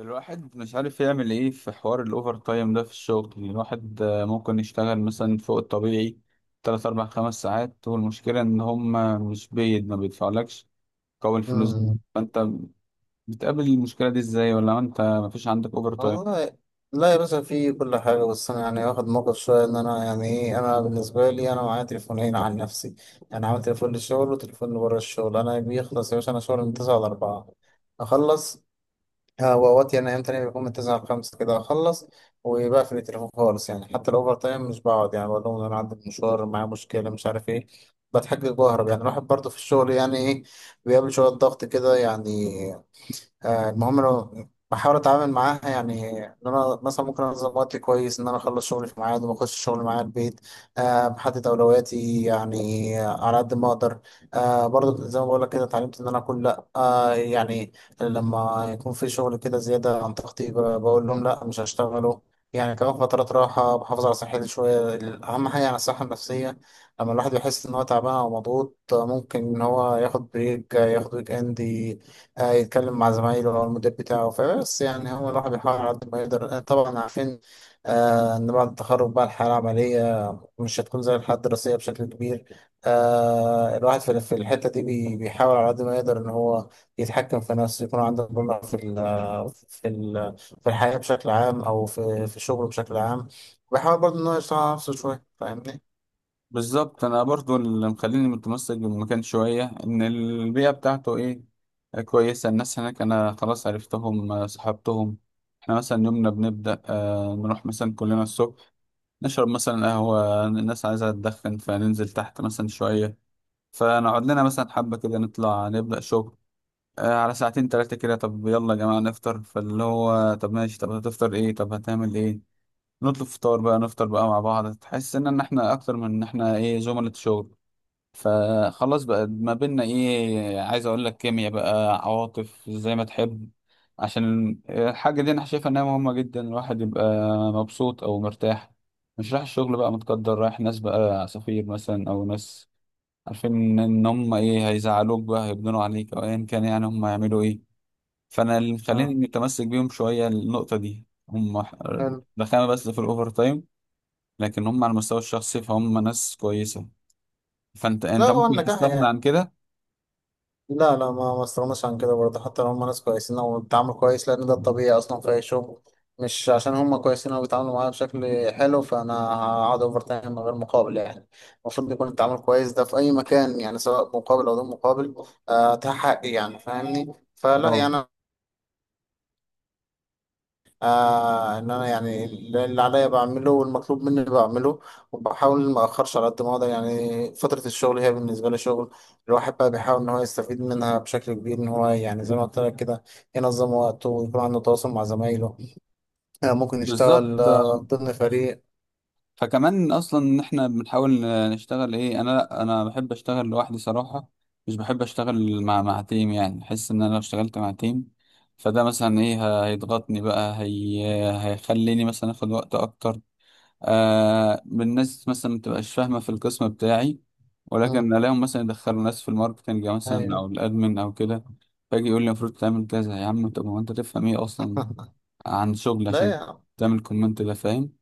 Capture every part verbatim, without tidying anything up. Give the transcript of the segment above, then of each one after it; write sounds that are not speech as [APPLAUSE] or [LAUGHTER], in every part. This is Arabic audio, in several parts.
الواحد مش عارف يعمل ايه في حوار الاوفر تايم ده في الشغل. يعني الواحد آه، ممكن يشتغل مثلا فوق الطبيعي تلات اربع خمس ساعات، والمشكلة ان هم مش بيد ما بيدفعلكش قوي الفلوس دي. مم. فانت بتقابل المشكلة دي ازاي، ولا انت مفيش عندك اوفر تايم؟ والله لا يا باشا، في كل حاجة. بس أنا يعني واخد موقف شوية، إن أنا يعني إيه، أنا بالنسبة لي أنا معايا تليفونين عن نفسي، يعني عامل تليفون للشغل وتليفون لبره الشغل. أنا بيخلص يا باشا، أنا شغل من تسعة لأربعة أخلص. ها، وأوقات يعني أيام تانية بيكون من تسعة لخمسة كده أخلص وبقفل التليفون خالص. يعني حتى الأوفر تايم مش بقعد، يعني بقول لهم إن أنا عندي مشوار، معايا مشكلة، مش عارف إيه، بتحجج وأهرب. يعني الواحد برضه في الشغل يعني إيه، بيقابل شوية ضغط كده يعني. آه، المهم انا بحاول اتعامل معاها، يعني ان انا مثلا ممكن انظم وقتي كويس، ان انا اخلص شغلي في ميعاد وما اخش شغل معايا البيت. أه بحدد اولوياتي يعني على قد ما اقدر. أه برضو زي ما بقول لك كده، اتعلمت ان انا اقول لا. أه يعني لما يكون في شغل كده زياده عن طاقتي، ب- بقول لهم لا مش هشتغله. يعني كمان فترات راحة بحافظ على صحتي شوية، أهم حاجة يعني الصحة النفسية. لما الواحد يحس إن هو تعبان أو مضغوط، آه، ممكن إن هو ياخد بريك، آه، ياخد ويك إند، هيتكلم مع زمايله او المدير بتاعه. فبس يعني هو الواحد بيحاول على قد ما يقدر. آه، طبعا عارفين آه، ان بعد التخرج بقى الحياه العمليه مش هتكون زي الحياه الدراسيه بشكل كبير. آه الواحد في في الحته دي بي- بيحاول على قد ما يقدر ان هو يتحكم في نفسه، يكون عنده مرونه في ال في ال في الحياه بشكل عام، او في في شغله بشكل عام. بيحاول برضه ان هو يشتغل على نفسه شويه. فاهمني؟ بالظبط، انا برضو اللي مخليني متمسك بالمكان شوية ان البيئة بتاعته ايه، آه، كويسة. الناس هناك انا خلاص عرفتهم، آه، صحبتهم. احنا مثلا يومنا بنبدأ، آه، نروح مثلا كلنا الصبح، نشرب مثلا قهوة. الناس عايزة تدخن، فننزل تحت مثلا شوية، فنقعد لنا مثلا حبة كده، نطلع نبدأ شغل آه على ساعتين تلاتة، كده طب يلا يا جماعة نفطر، فاللي هو طب ماشي، طب هتفطر ايه، طب هتعمل ايه، نطلب فطار بقى، نفطر بقى مع بعض. تحس ان إن احنا اكتر من ان احنا ايه زملاء شغل. فخلاص بقى ما بينا ايه، عايز اقول لك كيمياء بقى، عواطف، زي ما تحب. عشان الحاجة دي انا شايفها انها مهمة جدا، الواحد يبقى مبسوط او مرتاح، مش رايح الشغل بقى متقدر، رايح ناس بقى عصافير مثلا، او ناس عارفين ان هم ايه هيزعلوك بقى، هيبنوا عليك او ايا كان، يعني هم هيعملوا ايه. فانا اللي مخليني اه متمسك بيهم شوية النقطة دي، هم حلو. رخامة بس في الاوفر تايم، لكن هم على المستوى الشخصي فهم ناس كويسة. فانت لا انت هو ممكن النجاح تستغنى يعني، عن كده؟ لا لا، ما ما استغناش عن كده برضه، حتى لو هم ناس كويسين او بيتعاملوا كويس، لان ده الطبيعي اصلا في اي شغل. مش عشان هم كويسين او بيتعاملوا معايا بشكل حلو فانا هقعد اوفر تايم من غير مقابل يعني. المفروض يكون التعامل كويس ده في اي مكان، يعني سواء مقابل او دون مقابل. آه، ده حقي يعني. فاهمني؟ فلا اه، يعني آه، ان انا يعني اللي عليا بعمله والمطلوب مني بعمله، وبحاول ما اخرش على قد ما اقدر. يعني فتره الشغل هي بالنسبه لي شغل، الواحد بقى بيحاول ان هو يستفيد منها بشكل كبير، ان هو يعني زي ما قلت لك كده ينظم وقته ويكون عنده تواصل مع زمايله. آه ممكن يشتغل بالظبط. آه ضمن فريق. فكمان اصلا ان احنا بنحاول نشتغل ايه، انا لا، انا بحب اشتغل لوحدي صراحه. مش بحب اشتغل مع مع تيم. يعني احس ان انا لو اشتغلت مع تيم فده مثلا ايه، ه- هيضغطني بقى، هي هيخليني مثلا اخد وقت اكتر. آه الناس مثلا ما تبقاش فاهمه في القسم بتاعي، مم. ولكن الاقيهم مثلا يدخلوا ناس في الماركتنج مثلا ايوه. او الادمن او كده. فاجي يقول لي المفروض تعمل كذا يا عم، طب هو انت تفهم ايه اصلا [LAUGHS] عن شغل لا عشان يا عم. تعمل كومنت، ده فاهم؟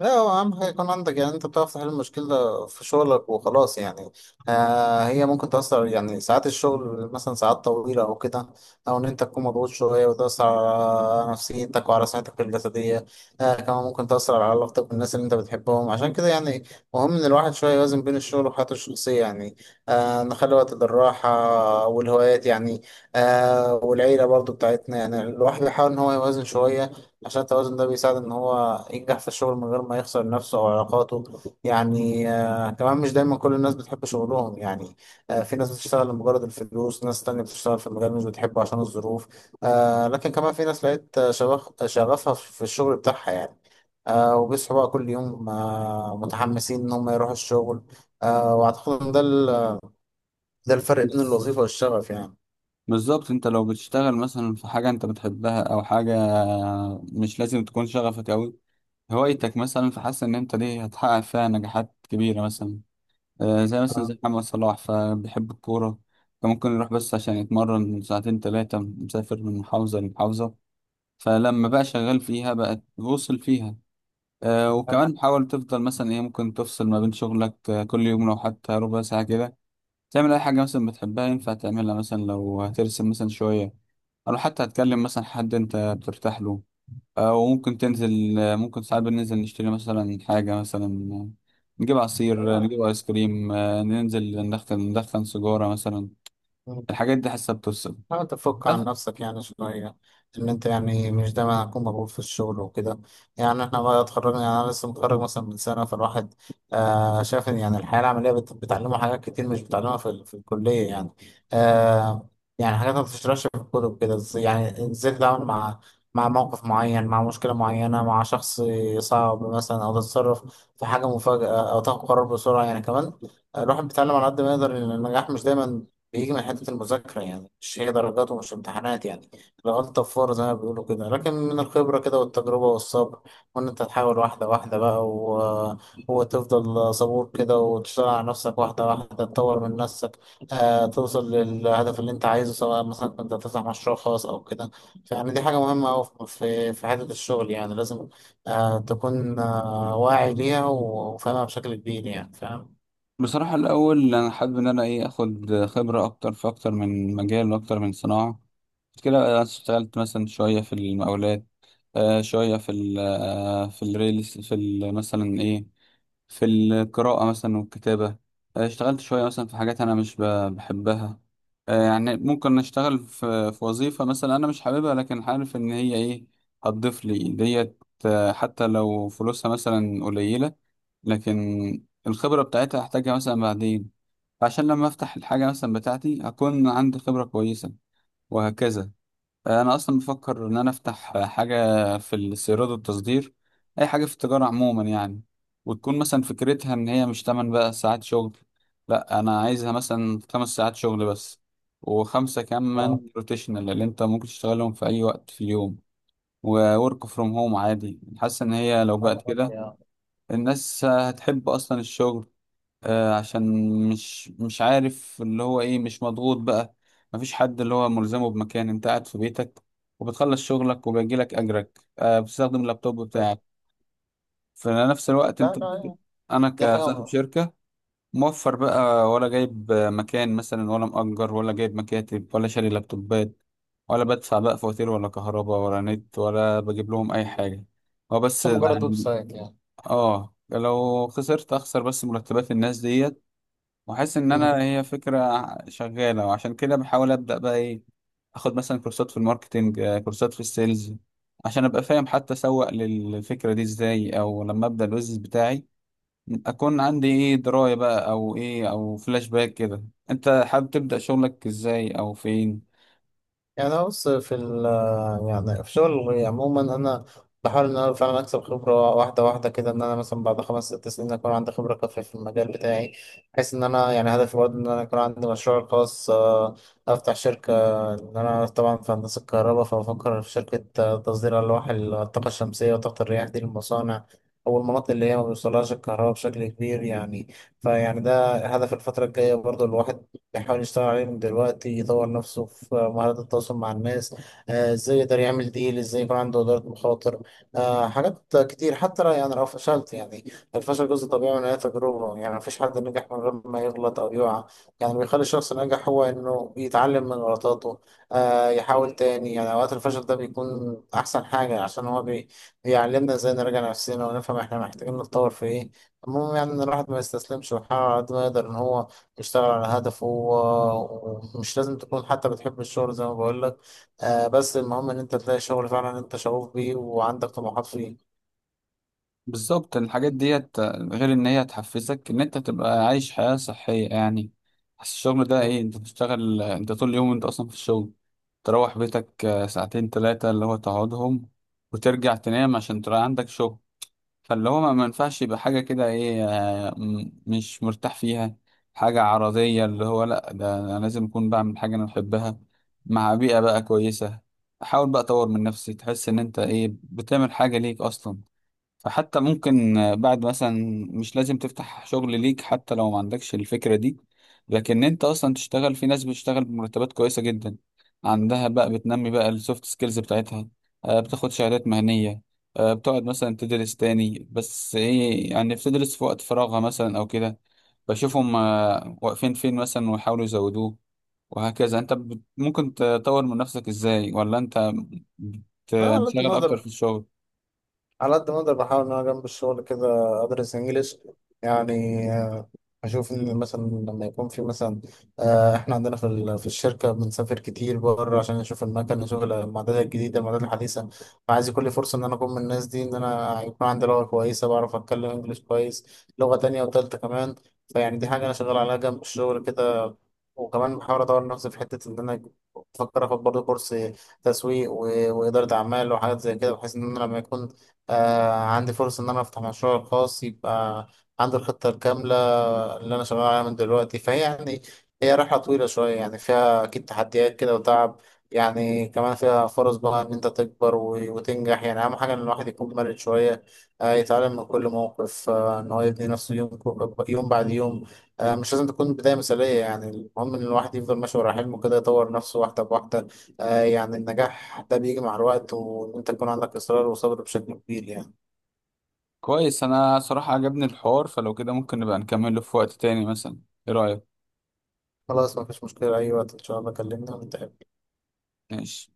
لا هو أهم حاجة يكون عندك، يعني أنت بتعرف تحل المشكلة في شغلك وخلاص يعني. آه هي ممكن تأثر، يعني ساعات الشغل مثلا ساعات طويلة أو كده، أو إن أنت تكون مضغوط شوية وتأثر على نفسيتك وعلى صحتك الجسدية. آه كمان ممكن تأثر على علاقتك بالناس اللي أنت بتحبهم. عشان كده يعني مهم إن الواحد شوية يوازن بين الشغل وحياته الشخصية يعني. آه نخلي وقت للراحة والهوايات يعني، آه والعيلة برضو بتاعتنا. يعني الواحد يحاول إن هو يوازن شوية، عشان التوازن ده بيساعد ان هو ينجح في الشغل من غير ما يخسر نفسه او علاقاته يعني. آه كمان مش دايما كل الناس بتحب شغلهم يعني. آه في ناس بتشتغل لمجرد الفلوس، ناس تانية بتشتغل في المجال مش بتحبه عشان الظروف. آه لكن كمان في ناس لقيت آه، شغف شغفها في الشغل بتاعها يعني. آه وبيصحوا بقى كل يوم آه متحمسين ان هم يروحوا الشغل. آه واعتقد ان ده ده الفرق بين بس الوظيفة والشغف يعني. بالظبط، انت لو بتشتغل مثلا في حاجة انت بتحبها، او حاجة مش لازم تكون شغفك اوي، هوايتك مثلا، فحاسس ان انت دي هتحقق فيها نجاحات كبيرة مثلا. آه، زي مثلا آه. زي محمد صلاح فبيحب الكورة، فممكن يروح بس عشان يتمرن ساعتين تلاتة، مسافر من محافظة لمحافظة، فلما بقى شغال فيها بقى وصل فيها. آه، وكمان حاول تفضل مثلا ايه، ممكن تفصل ما بين شغلك آه، كل يوم لو حتى ربع ساعة كده، تعمل اي حاجه مثلا بتحبها ينفع تعملها مثلا، لو هترسم مثلا شويه، او حتى هتكلم مثلا حد انت بترتاح له، او ممكن تنزل. ممكن ساعات بننزل نشتري مثلا حاجه مثلا، نجيب عصير، نجيب ايس كريم، آه، ننزل ندخن ندخن سيجاره مثلا. آه. الحاجات دي حاسه بتفصل. حاول تفك عن نفسك يعني شوية، إن أنت يعني مش دايما هتكون مضغوط في الشغل وكده. يعني إحنا بقى اتخرجنا، يعني أنا لسه متخرج مثلا من سنة. فالواحد آه شايف إن يعني الحياة العملية بت- بتعلمه حاجات كتير مش بتعلمها في, ال- في الكلية يعني. آه يعني حاجات ما بتشتغلش في الكتب كده، إز- يعني إزاي تتعامل مع مع موقف معين، مع مشكلة معينة، مع شخص صعب مثلا، أو تتصرف في حاجة مفاجأة، أو تاخد قرار بسرعة يعني. كمان الواحد بيتعلم على قد ما يقدر إن النجاح مش دايما بيجي من حتة المذاكرة يعني، مش هي درجات ومش امتحانات يعني. الغلطة في فور زي ما بيقولوا كده، لكن من الخبرة كده والتجربة والصبر، وإن أنت تحاول واحدة واحدة بقى و... وتفضل صبور كده وتشتغل على نفسك واحدة واحدة، تطور من نفسك، آه توصل للهدف اللي أنت عايزه، سواء مثلا كنت هتفتح مشروع خاص أو كده. يعني دي حاجة مهمة أوي في في في حتة الشغل يعني. لازم آه تكون آه واعي ليها وفاهمها بشكل كبير يعني. فاهم؟ بصراحه الاول انا حابب ان انا ايه اخد خبره اكتر في اكتر من مجال واكتر من صناعه. كده أنا اشتغلت مثلا شويه في المقاولات، آه شوية في ال آه في الريل، في ال مثلا إيه، في القراءة مثلا والكتابة. آه اشتغلت شوية مثلا في حاجات أنا مش ب- بحبها. آه يعني ممكن أشتغل في, في وظيفة مثلا أنا مش حاببها، لكن عارف إن هي إيه هتضيف لي ديت، آه حتى لو فلوسها مثلا قليلة، لكن الخبرة بتاعتها هحتاجها مثلا بعدين، عشان لما أفتح الحاجة مثلا بتاعتي أكون عندي خبرة كويسة، وهكذا. انا اصلا بفكر ان انا افتح حاجه في الاستيراد والتصدير، اي حاجه في التجاره عموما يعني. وتكون مثلا فكرتها ان هي مش تمن بقى ساعات شغل، لا انا عايزها مثلا خمس ساعات شغل بس، وخمسه اه كمان روتيشنال اللي انت ممكن تشتغلهم في اي وقت في اليوم. وورك فروم هوم عادي. حاسس ان هي لو بقت معلومات كده يا. الناس هتحب اصلا الشغل، آه، عشان مش مش عارف اللي هو ايه، مش مضغوط بقى، مفيش حد اللي هو ملزمه بمكان، انت قاعد في بيتك وبتخلص شغلك وبيجيلك اجرك، آه، بتستخدم اللابتوب بتاعك في نفس الوقت. لا انت لا انا دي حاجة كصاحب م- شركة موفر بقى، ولا جايب آه، مكان مثلا، ولا مأجر، ولا جايب مكاتب، ولا شاري لابتوبات، ولا بدفع بقى فواتير ولا كهرباء ولا نت، ولا بجيب لهم اي حاجة. هو بس ده مجرد ويب يعني سايت يعني. اه، لو خسرت اخسر بس مرتبات الناس ديت. واحس ان مم. انا هي فكره شغاله، وعشان كده بحاول ابدا بقى ايه، اخد مثلا كورسات في الماركتينج، آه، كورسات في السيلز، عشان ابقى فاهم حتى اسوق للفكره دي ازاي، او لما ابدا البيزنس بتاعي اكون عندي ايه درايه بقى او ايه او فلاش باك كده. انت حابب تبدا شغلك ازاي، او فين؟ يعني أنا بص في ال، يعني في شغل عموما، أنا بحاول إن أنا فعلا أكسب خبرة واحدة واحدة كده، إن أنا مثلا بعد خمس ست سنين أكون عندي خبرة كافية في المجال بتاعي، بحيث إن أنا يعني هدفي برضه إن أنا يكون عندي مشروع خاص. آه، أفتح شركة، إن أنا طبعا في هندسة الكهرباء. فبفكر في شركة آه، تصدير ألواح الطاقة الشمسية وطاقة الرياح دي للمصانع أو المناطق اللي هي ما بيوصلهاش الكهرباء بشكل كبير يعني. فيعني ده هدف الفترة الجاية برضو. الواحد بيحاول يشتغل عليه من دلوقتي، يطور نفسه في مهارات التواصل مع الناس، آه، ازاي يقدر يعمل ديل، ازاي يكون عنده إدارة مخاطر. آه، حاجات كتير. حتى لو- يعني لو فشلت يعني، الفشل جزء طبيعي من أي تجربة. يعني مفيش حد نجح من غير ما يغلط أو يقع. يعني اللي بيخلي الشخص ناجح هو إنه يتعلم من غلطاته، آه، يحاول تاني. يعني أوقات الفشل ده بيكون أحسن حاجة عشان هو بي- بيعلمنا ازاي نراجع نفسنا ونفهم احنا محتاجين نتطور في ايه. المهم يعني إن الواحد ما يستسلمش ويحاول على قد ما يقدر إن هو يشتغل على هدفه و- ومش لازم تكون حتى بتحب الشغل زي ما بقول لك. آه بس المهم ان انت تلاقي شغل فعلا انت شغوف بيه وعندك طموحات فيه. بالظبط، الحاجات ديت غير ان هي تحفزك ان انت تبقى عايش حياة صحية يعني. بس الشغل ده ايه، انت بتشتغل انت طول اليوم، انت اصلا في الشغل، تروح بيتك آه، ساعتين ثلاثة اللي هو تقعدهم، وترجع تنام عشان ترى عندك شغل. فاللي هو ما ما ينفعش يبقى حاجة كده ايه، آه، م- مش مرتاح فيها، حاجة عرضية. اللي هو لا، ده انا لازم اكون بعمل حاجة انا بحبها، مع بيئة بقى كويسة. حاول بقى تطور من نفسي، تحس ان انت ايه بتعمل حاجة ليك اصلا، فحتى ممكن آه، بعد مثلا، مش لازم تفتح شغل ليك حتى لو ما عندكش الفكرة دي، لكن انت اصلا تشتغل في ناس بتشتغل بمرتبات كويسة جدا، عندها بقى بتنمي بقى السوفت سكيلز بتاعتها، آه، بتاخد شهادات مهنية، آه، بتقعد مثلا تدرس تاني، بس ايه يعني، بتدرس في وقت فراغها مثلا او كده، بشوفهم آه، واقفين فين مثلا، ويحاولوا يزودوه وهكذا. انت بت- ممكن تطور من نفسك ازاي، ولا انت لا على قد بتنشغل ما اكتر اقدر، في الشغل؟ على قد ما اقدر بحاول ان انا جنب الشغل كده ادرس انجليش يعني. آه، اشوف ان مثلا لما يكون في مثلا، آه، احنا عندنا في ال- في الشركه بنسافر كتير بره عشان نشوف المكان، نشوف المعدات الجديده، المعدات الحديثه. فعايز كل فرصه ان انا اكون من الناس دي، ان انا يكون عندي لغه كويسه، بعرف اتكلم انجليش كويس، لغه تانية وتالتة كمان. فيعني دي حاجه انا شغال عليها جنب الشغل كده. وكمان بحاول اطور نفسي في حته ان انا بفكر اخد برضه كورس تسويق و- واداره اعمال وحاجات زي كده، بحيث ان انا لما يكون آه عندي فرصة إن أنا أفتح مشروع خاص، يبقى عندي الخطة الكاملة اللي أنا شغال عليها من دلوقتي. فهي يعني هي رحلة طويلة شوية، يعني فيها أكيد تحديات كده وتعب، يعني كمان فيها فرص بقى إن أنت تكبر و- وتنجح. يعني أهم حاجة إن الواحد يكون مرن شوية، آه يتعلم من كل موقف، آه إن هو يبني نفسه يوم يوم بعد يوم. آه مش لازم تكون بداية مثالية، يعني المهم إن الواحد يفضل ماشي ورا حلمه كده، يطور نفسه واحدة بواحدة. آه يعني النجاح ده بيجي مع الوقت، وإن أنت يكون عندك إصرار وصبر بشكل كبير يعني. كويس، انا صراحة عجبني الحوار، فلو كده ممكن نبقى نكمله في وقت تاني مثلا، ايه رأيك؟ خلاص مفيش مشكلة، أي وقت إن شاء الله كلمنا ونتقابل. ماشي.